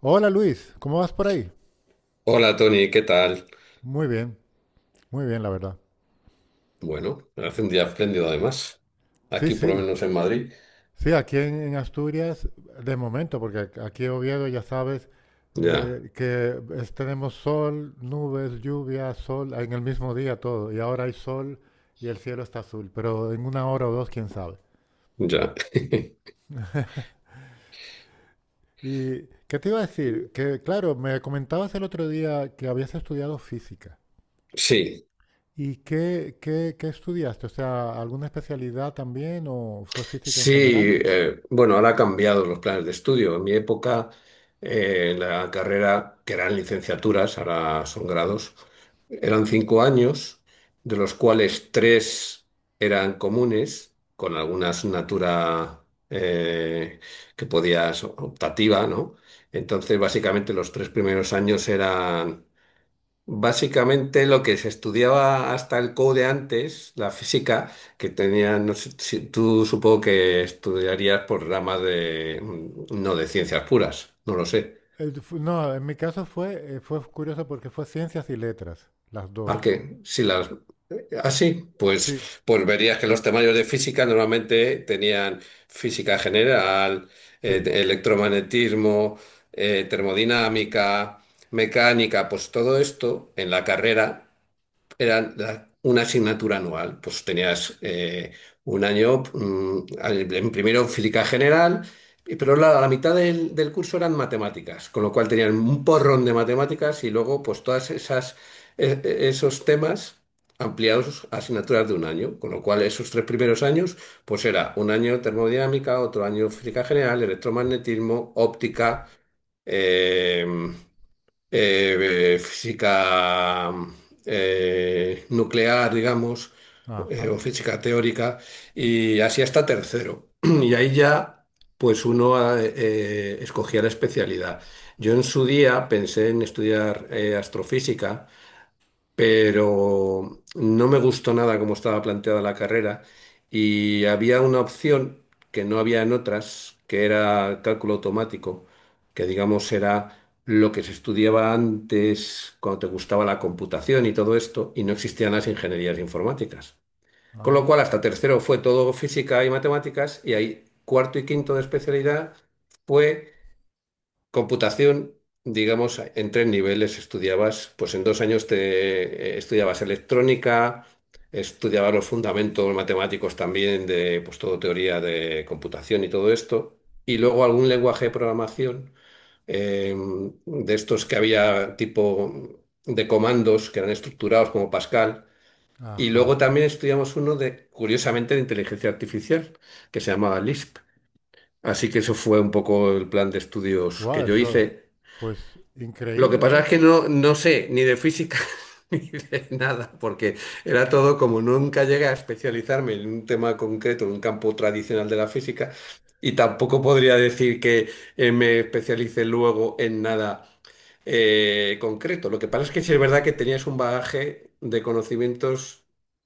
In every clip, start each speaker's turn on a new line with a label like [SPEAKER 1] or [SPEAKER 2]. [SPEAKER 1] Hola Luis, ¿cómo vas por ahí?
[SPEAKER 2] Hola Tony, ¿qué tal?
[SPEAKER 1] Muy bien, muy bien, la verdad.
[SPEAKER 2] Bueno, hace un día espléndido además.
[SPEAKER 1] Sí,
[SPEAKER 2] Aquí por lo
[SPEAKER 1] sí,
[SPEAKER 2] menos en Madrid.
[SPEAKER 1] sí, aquí en Asturias, de momento, porque aquí en Oviedo ya sabes
[SPEAKER 2] Ya,
[SPEAKER 1] que tenemos sol, nubes, lluvia, sol, en el mismo día todo, y ahora hay sol y el cielo está azul, pero en una hora o dos, quién sabe.
[SPEAKER 2] ya.
[SPEAKER 1] ¿Y qué te iba a decir? Que claro, me comentabas el otro día que habías estudiado física.
[SPEAKER 2] Sí,
[SPEAKER 1] ¿Y qué estudiaste? O sea, ¿alguna especialidad también o fue física en
[SPEAKER 2] sí.
[SPEAKER 1] general?
[SPEAKER 2] Bueno, ahora ha cambiado los planes de estudio. En mi época, la carrera, que eran licenciaturas, ahora son grados, eran cinco años, de los cuales tres eran comunes, con alguna asignatura eh, que podías optativa, ¿no? Entonces, básicamente los tres primeros años eran Básicamente lo que se estudiaba hasta el code antes, la física, que tenía, no sé, tú supongo que estudiarías por ramas de, no de ciencias puras, no lo sé.
[SPEAKER 1] No, en mi caso fue, fue curioso porque fue ciencias y letras, las
[SPEAKER 2] Ah,
[SPEAKER 1] dos.
[SPEAKER 2] que si las, así,
[SPEAKER 1] Sí,
[SPEAKER 2] pues, pues verías que los temarios de física normalmente tenían física general,
[SPEAKER 1] sí.
[SPEAKER 2] electromagnetismo, termodinámica, mecánica, pues todo esto en la carrera una asignatura anual. Pues tenías un año, en primero física general, pero la mitad del curso eran matemáticas, con lo cual tenían un porrón de matemáticas y luego pues todas esas, esos temas ampliados a asignaturas de un año, con lo cual esos tres primeros años pues era un año termodinámica, otro año física general,
[SPEAKER 1] Ah,
[SPEAKER 2] electromagnetismo, óptica. eh, Física nuclear, digamos, o
[SPEAKER 1] ajá,
[SPEAKER 2] física teórica, y así hasta tercero. Y ahí ya, pues uno escogía la especialidad. Yo en su día pensé en estudiar astrofísica, pero no me gustó nada cómo estaba planteada la carrera y había una opción que no había en otras, que era cálculo automático, que digamos era lo que se estudiaba antes cuando te gustaba la computación y todo esto, y no existían las ingenierías informáticas. Con lo
[SPEAKER 1] ah,
[SPEAKER 2] cual, hasta tercero fue todo física y matemáticas, y ahí cuarto y quinto de especialidad fue computación, digamos. En tres niveles estudiabas, pues en dos años te estudiabas electrónica, estudiabas los fundamentos matemáticos también de, pues todo teoría de computación y todo esto, y luego algún lenguaje de programación eh, de estos que había tipo de comandos que eran estructurados como Pascal, y
[SPEAKER 1] ajá.
[SPEAKER 2] luego también estudiamos uno de, curiosamente, de inteligencia artificial que se llamaba Lisp. Así que eso fue un poco el plan de estudios
[SPEAKER 1] Wow,
[SPEAKER 2] que yo hice.
[SPEAKER 1] eso, pues
[SPEAKER 2] Lo que
[SPEAKER 1] increíble,
[SPEAKER 2] pasa es
[SPEAKER 1] ¿no?
[SPEAKER 2] que no sé ni de física ni de nada, porque era todo como nunca llegué a especializarme en un tema concreto, en un campo tradicional de la física, y tampoco podría decir que me especialice luego en nada concreto. Lo que pasa es que sí es verdad que tenías un bagaje de conocimientos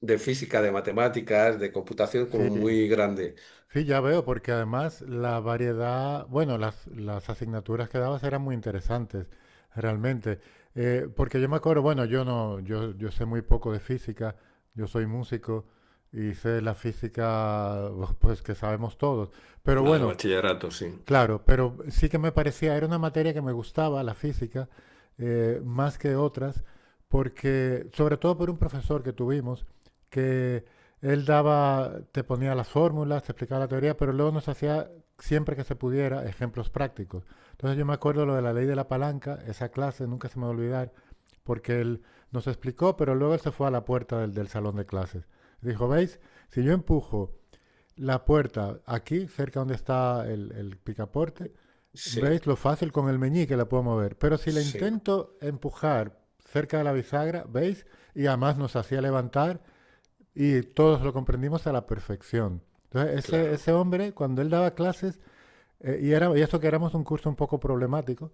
[SPEAKER 2] de física, de matemáticas, de computación como
[SPEAKER 1] Sí,
[SPEAKER 2] muy grande.
[SPEAKER 1] sí, ya veo, porque además la variedad, bueno, las asignaturas que dabas eran muy interesantes, realmente. Porque yo me acuerdo, bueno, yo no, yo sé muy poco de física, yo soy músico y sé la física, pues que sabemos todos. Pero
[SPEAKER 2] Nada, de
[SPEAKER 1] bueno.
[SPEAKER 2] bachillerato, sí.
[SPEAKER 1] Claro, pero sí que me parecía, era una materia que me gustaba, la física, más que otras, porque, sobre todo por un profesor que tuvimos, que él daba, te ponía las fórmulas, te explicaba la teoría, pero luego nos hacía, siempre que se pudiera, ejemplos prácticos. Entonces yo me acuerdo lo de la ley de la palanca, esa clase nunca se me va a olvidar, porque él nos explicó, pero luego él se fue a la puerta del salón de clases. Dijo, ¿veis? Si yo empujo la puerta aquí, cerca donde está el picaporte,
[SPEAKER 2] Sí,
[SPEAKER 1] veis lo fácil con el meñique la puedo mover. Pero si la
[SPEAKER 2] sí,
[SPEAKER 1] intento empujar cerca de la bisagra, ¿veis? Y además nos hacía levantar y todos lo comprendimos a la perfección. Entonces,
[SPEAKER 2] claro.
[SPEAKER 1] ese hombre, cuando él daba clases, era, y esto que éramos un curso un poco problemático,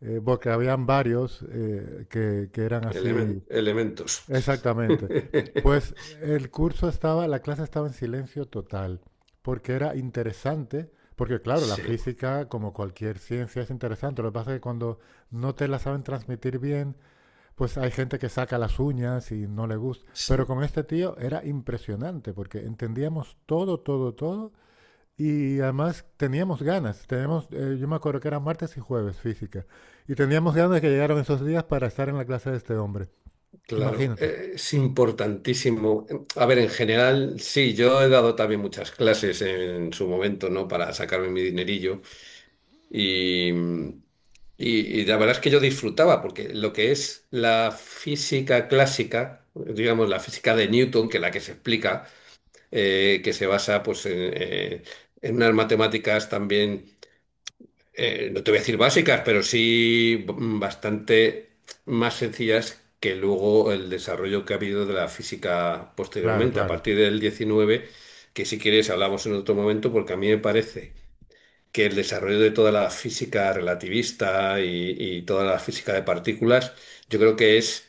[SPEAKER 1] porque habían varios que, eran así.
[SPEAKER 2] Elementos.
[SPEAKER 1] Exactamente. Pues el curso estaba, la clase estaba en silencio total, porque era interesante, porque claro, la
[SPEAKER 2] Sí,
[SPEAKER 1] física, como cualquier ciencia, es interesante. Lo que pasa es que cuando no te la saben transmitir bien, pues hay gente que saca las uñas y no le gusta. Pero
[SPEAKER 2] sí,
[SPEAKER 1] con este tío era impresionante, porque entendíamos todo, y además teníamos ganas. Teníamos, yo me acuerdo que eran martes y jueves física, y teníamos ganas de que llegaran esos días para estar en la clase de este hombre.
[SPEAKER 2] claro,
[SPEAKER 1] Imagínate.
[SPEAKER 2] es importantísimo. A ver, en general, sí, yo he dado también muchas clases en su momento, ¿no? Para sacarme mi dinerillo y, y la verdad es que yo disfrutaba, porque lo que es la física clásica, digamos, la física de Newton, que es la que se explica, que se basa pues, en unas matemáticas también no te voy a decir básicas, pero sí bastante más sencillas que luego el desarrollo que ha habido de la física
[SPEAKER 1] Claro,
[SPEAKER 2] posteriormente, a
[SPEAKER 1] claro.
[SPEAKER 2] partir del diecinueve, que si quieres hablamos en otro momento, porque a mí me parece que el desarrollo de toda la física relativista y toda la física de partículas, yo creo que es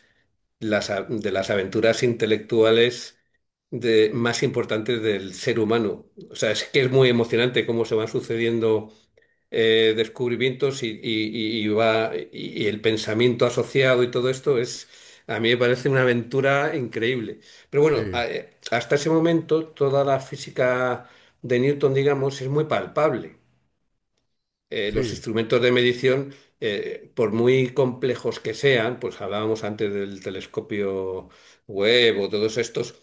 [SPEAKER 2] de las aventuras intelectuales de, más importantes del ser humano. O sea, es que es muy emocionante cómo se van sucediendo descubrimientos y el pensamiento asociado y todo esto es, a mí me parece una aventura increíble. Pero bueno,
[SPEAKER 1] Sí,
[SPEAKER 2] hasta ese momento toda la física de Newton, digamos, es muy palpable. Los
[SPEAKER 1] sí,
[SPEAKER 2] instrumentos de medición, por muy complejos que sean, pues hablábamos antes del telescopio Webb o todos estos,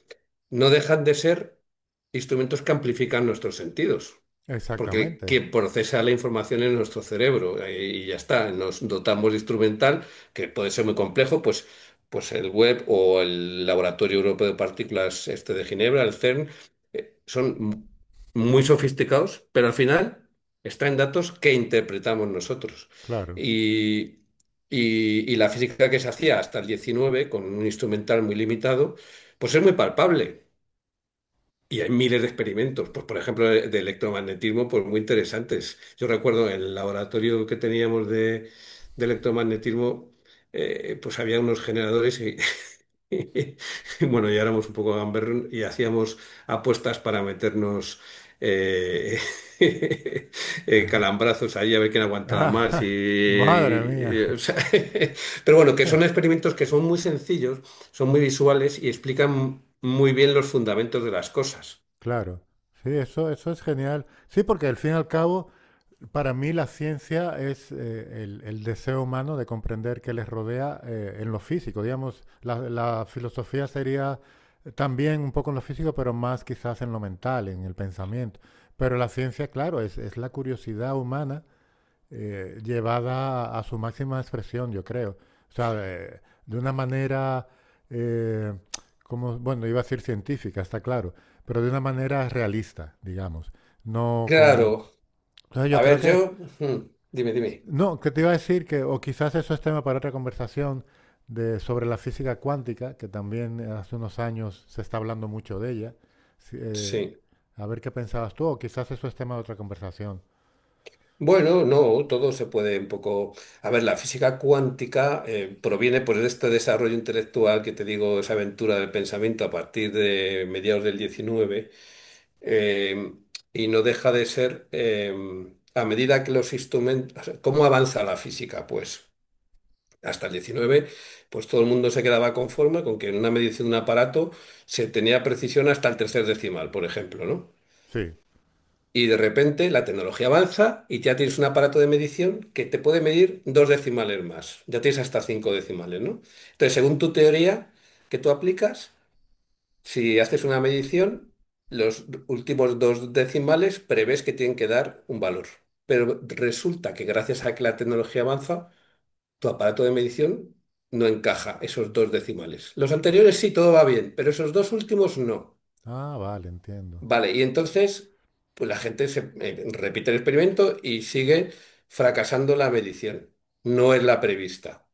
[SPEAKER 2] no dejan de ser instrumentos que amplifican nuestros sentidos porque que
[SPEAKER 1] exactamente.
[SPEAKER 2] procesa la información en nuestro cerebro y ya está. Nos dotamos de instrumental, que puede ser muy complejo, pues el web o el Laboratorio Europeo de Partículas este de Ginebra, el CERN, eh, son m- muy sofisticados, pero al final está en datos que interpretamos nosotros.
[SPEAKER 1] Claro.
[SPEAKER 2] Y, y la física que se hacía hasta el 19 con un instrumental muy limitado, pues es muy palpable. Y hay miles de experimentos, pues por ejemplo, de electromagnetismo, pues muy interesantes. Yo recuerdo en el laboratorio que teníamos de electromagnetismo, pues había unos generadores y, y bueno, ya éramos un poco gamberros y hacíamos apuestas para meternos eh, calambrazos ahí a ver quién aguantaba más.
[SPEAKER 1] Madre mía,
[SPEAKER 2] O sea, pero bueno, que son experimentos que son muy sencillos, son muy visuales y explican muy bien los fundamentos de las cosas.
[SPEAKER 1] claro. Sí, eso es genial. Sí, porque al fin y al cabo, para mí la ciencia es el deseo humano de comprender qué les rodea en lo físico. Digamos, la filosofía sería también un poco en lo físico, pero más quizás en lo mental, en el pensamiento. Pero la ciencia, claro, es la curiosidad humana llevada a, su máxima expresión, yo creo. O sea, de una manera, eh, como, bueno, iba a decir científica, está claro, pero de una manera realista, digamos. No con...
[SPEAKER 2] Claro.
[SPEAKER 1] Entonces yo
[SPEAKER 2] A
[SPEAKER 1] creo
[SPEAKER 2] ver,
[SPEAKER 1] que...
[SPEAKER 2] yo... hmm, dime, dime.
[SPEAKER 1] No, que te iba a decir que, o quizás eso es tema para otra conversación de, sobre la física cuántica, que también hace unos años se está hablando mucho de ella. Si- eh,
[SPEAKER 2] Sí.
[SPEAKER 1] a ver qué pensabas tú, o quizás eso es tema de otra conversación.
[SPEAKER 2] Bueno, no, todo se puede un poco... A ver, la física cuántica proviene pues, de este desarrollo intelectual que te digo, esa aventura del pensamiento a partir de mediados del diecinueve, eh, y no deja de ser, a medida que los instrumentos... O sea, ¿cómo avanza la física? Pues hasta el 19, pues todo el mundo se quedaba conforme con que en una medición de un aparato se tenía precisión hasta el tercer decimal, por ejemplo, ¿no?
[SPEAKER 1] Sí.
[SPEAKER 2] Y de repente la tecnología avanza y ya tienes un aparato de medición que te puede medir dos decimales más. Ya tienes hasta cinco decimales, ¿no? Entonces, según tu teoría que tú aplicas, si haces una medición, los últimos dos decimales prevés que tienen que dar un valor. Pero resulta que gracias a que la tecnología avanza, tu aparato de medición no encaja esos dos decimales. Los anteriores sí, todo va bien, pero esos dos últimos no.
[SPEAKER 1] Ah, vale, entiendo.
[SPEAKER 2] Vale, y entonces, pues la gente se, repite el experimento y sigue fracasando la medición. No es la prevista.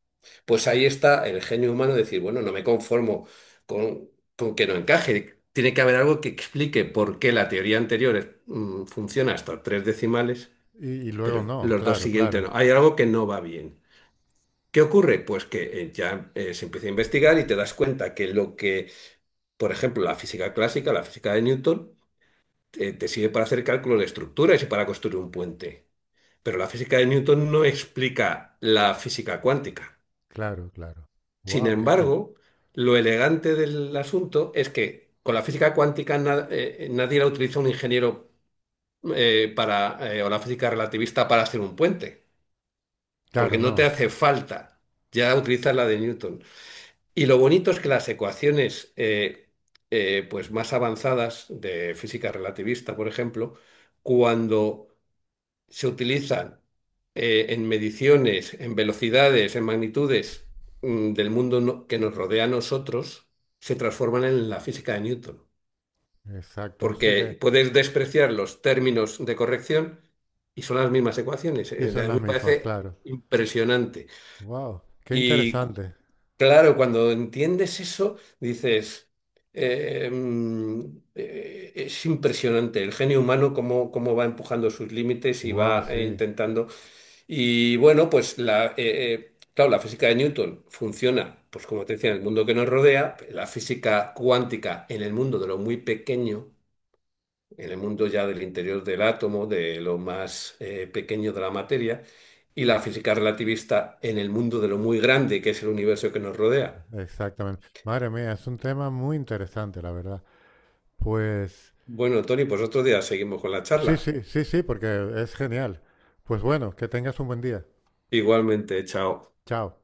[SPEAKER 2] Pues ahí está el genio humano de decir, bueno, no me conformo con, con que no encaje. Tiene que haber algo que explique por qué la teoría anterior funciona hasta tres decimales,
[SPEAKER 1] Y luego
[SPEAKER 2] pero
[SPEAKER 1] no,
[SPEAKER 2] los dos
[SPEAKER 1] claro,
[SPEAKER 2] siguientes
[SPEAKER 1] claro,
[SPEAKER 2] no. Hay algo que no va bien. ¿Qué ocurre? Pues que se empieza a investigar y te das cuenta que lo que, por ejemplo, la física clásica, la física de Newton, te sirve para hacer cálculos de estructuras y para construir un puente. Pero la física de Newton no explica la física cuántica.
[SPEAKER 1] claro, claro.
[SPEAKER 2] Sin
[SPEAKER 1] Wow, qué te...
[SPEAKER 2] embargo, lo elegante del asunto es que con la física cuántica nadie la utiliza un ingeniero o la física relativista para hacer un puente,
[SPEAKER 1] Claro,
[SPEAKER 2] porque no te
[SPEAKER 1] no,
[SPEAKER 2] hace falta. Ya utilizas la de Newton. Y lo bonito es que las ecuaciones pues más avanzadas de física relativista, por ejemplo, cuando se utilizan en mediciones, en velocidades, en magnitudes del mundo que nos rodea a nosotros, se transforman en la física de Newton.
[SPEAKER 1] exacto. O que
[SPEAKER 2] Porque puedes despreciar los términos de corrección y son las mismas ecuaciones.
[SPEAKER 1] y son
[SPEAKER 2] A mí
[SPEAKER 1] las
[SPEAKER 2] me
[SPEAKER 1] mismas,
[SPEAKER 2] parece
[SPEAKER 1] claro.
[SPEAKER 2] impresionante.
[SPEAKER 1] Wow, qué
[SPEAKER 2] Y cu-
[SPEAKER 1] interesante.
[SPEAKER 2] Claro, cuando entiendes eso, dices, eh, mm, es impresionante el genio humano cómo, cómo va empujando sus límites y
[SPEAKER 1] Wow,
[SPEAKER 2] va
[SPEAKER 1] sí,
[SPEAKER 2] intentando. Y bueno, pues claro, la física de Newton funciona, pues como te decía, en el mundo que nos rodea, la física cuántica en el mundo de lo muy pequeño, en el mundo ya del interior del átomo, de lo más pequeño de la materia, y la física relativista en el mundo de lo muy grande que es el universo que nos rodea.
[SPEAKER 1] exactamente. Madre mía, es un tema muy interesante, la verdad. Pues
[SPEAKER 2] Bueno, Tony, pues otro día seguimos con la
[SPEAKER 1] sí,
[SPEAKER 2] charla.
[SPEAKER 1] sí, sí, sí, porque es genial. Pues bueno, que tengas un buen día.
[SPEAKER 2] Igualmente, chao.
[SPEAKER 1] Chao.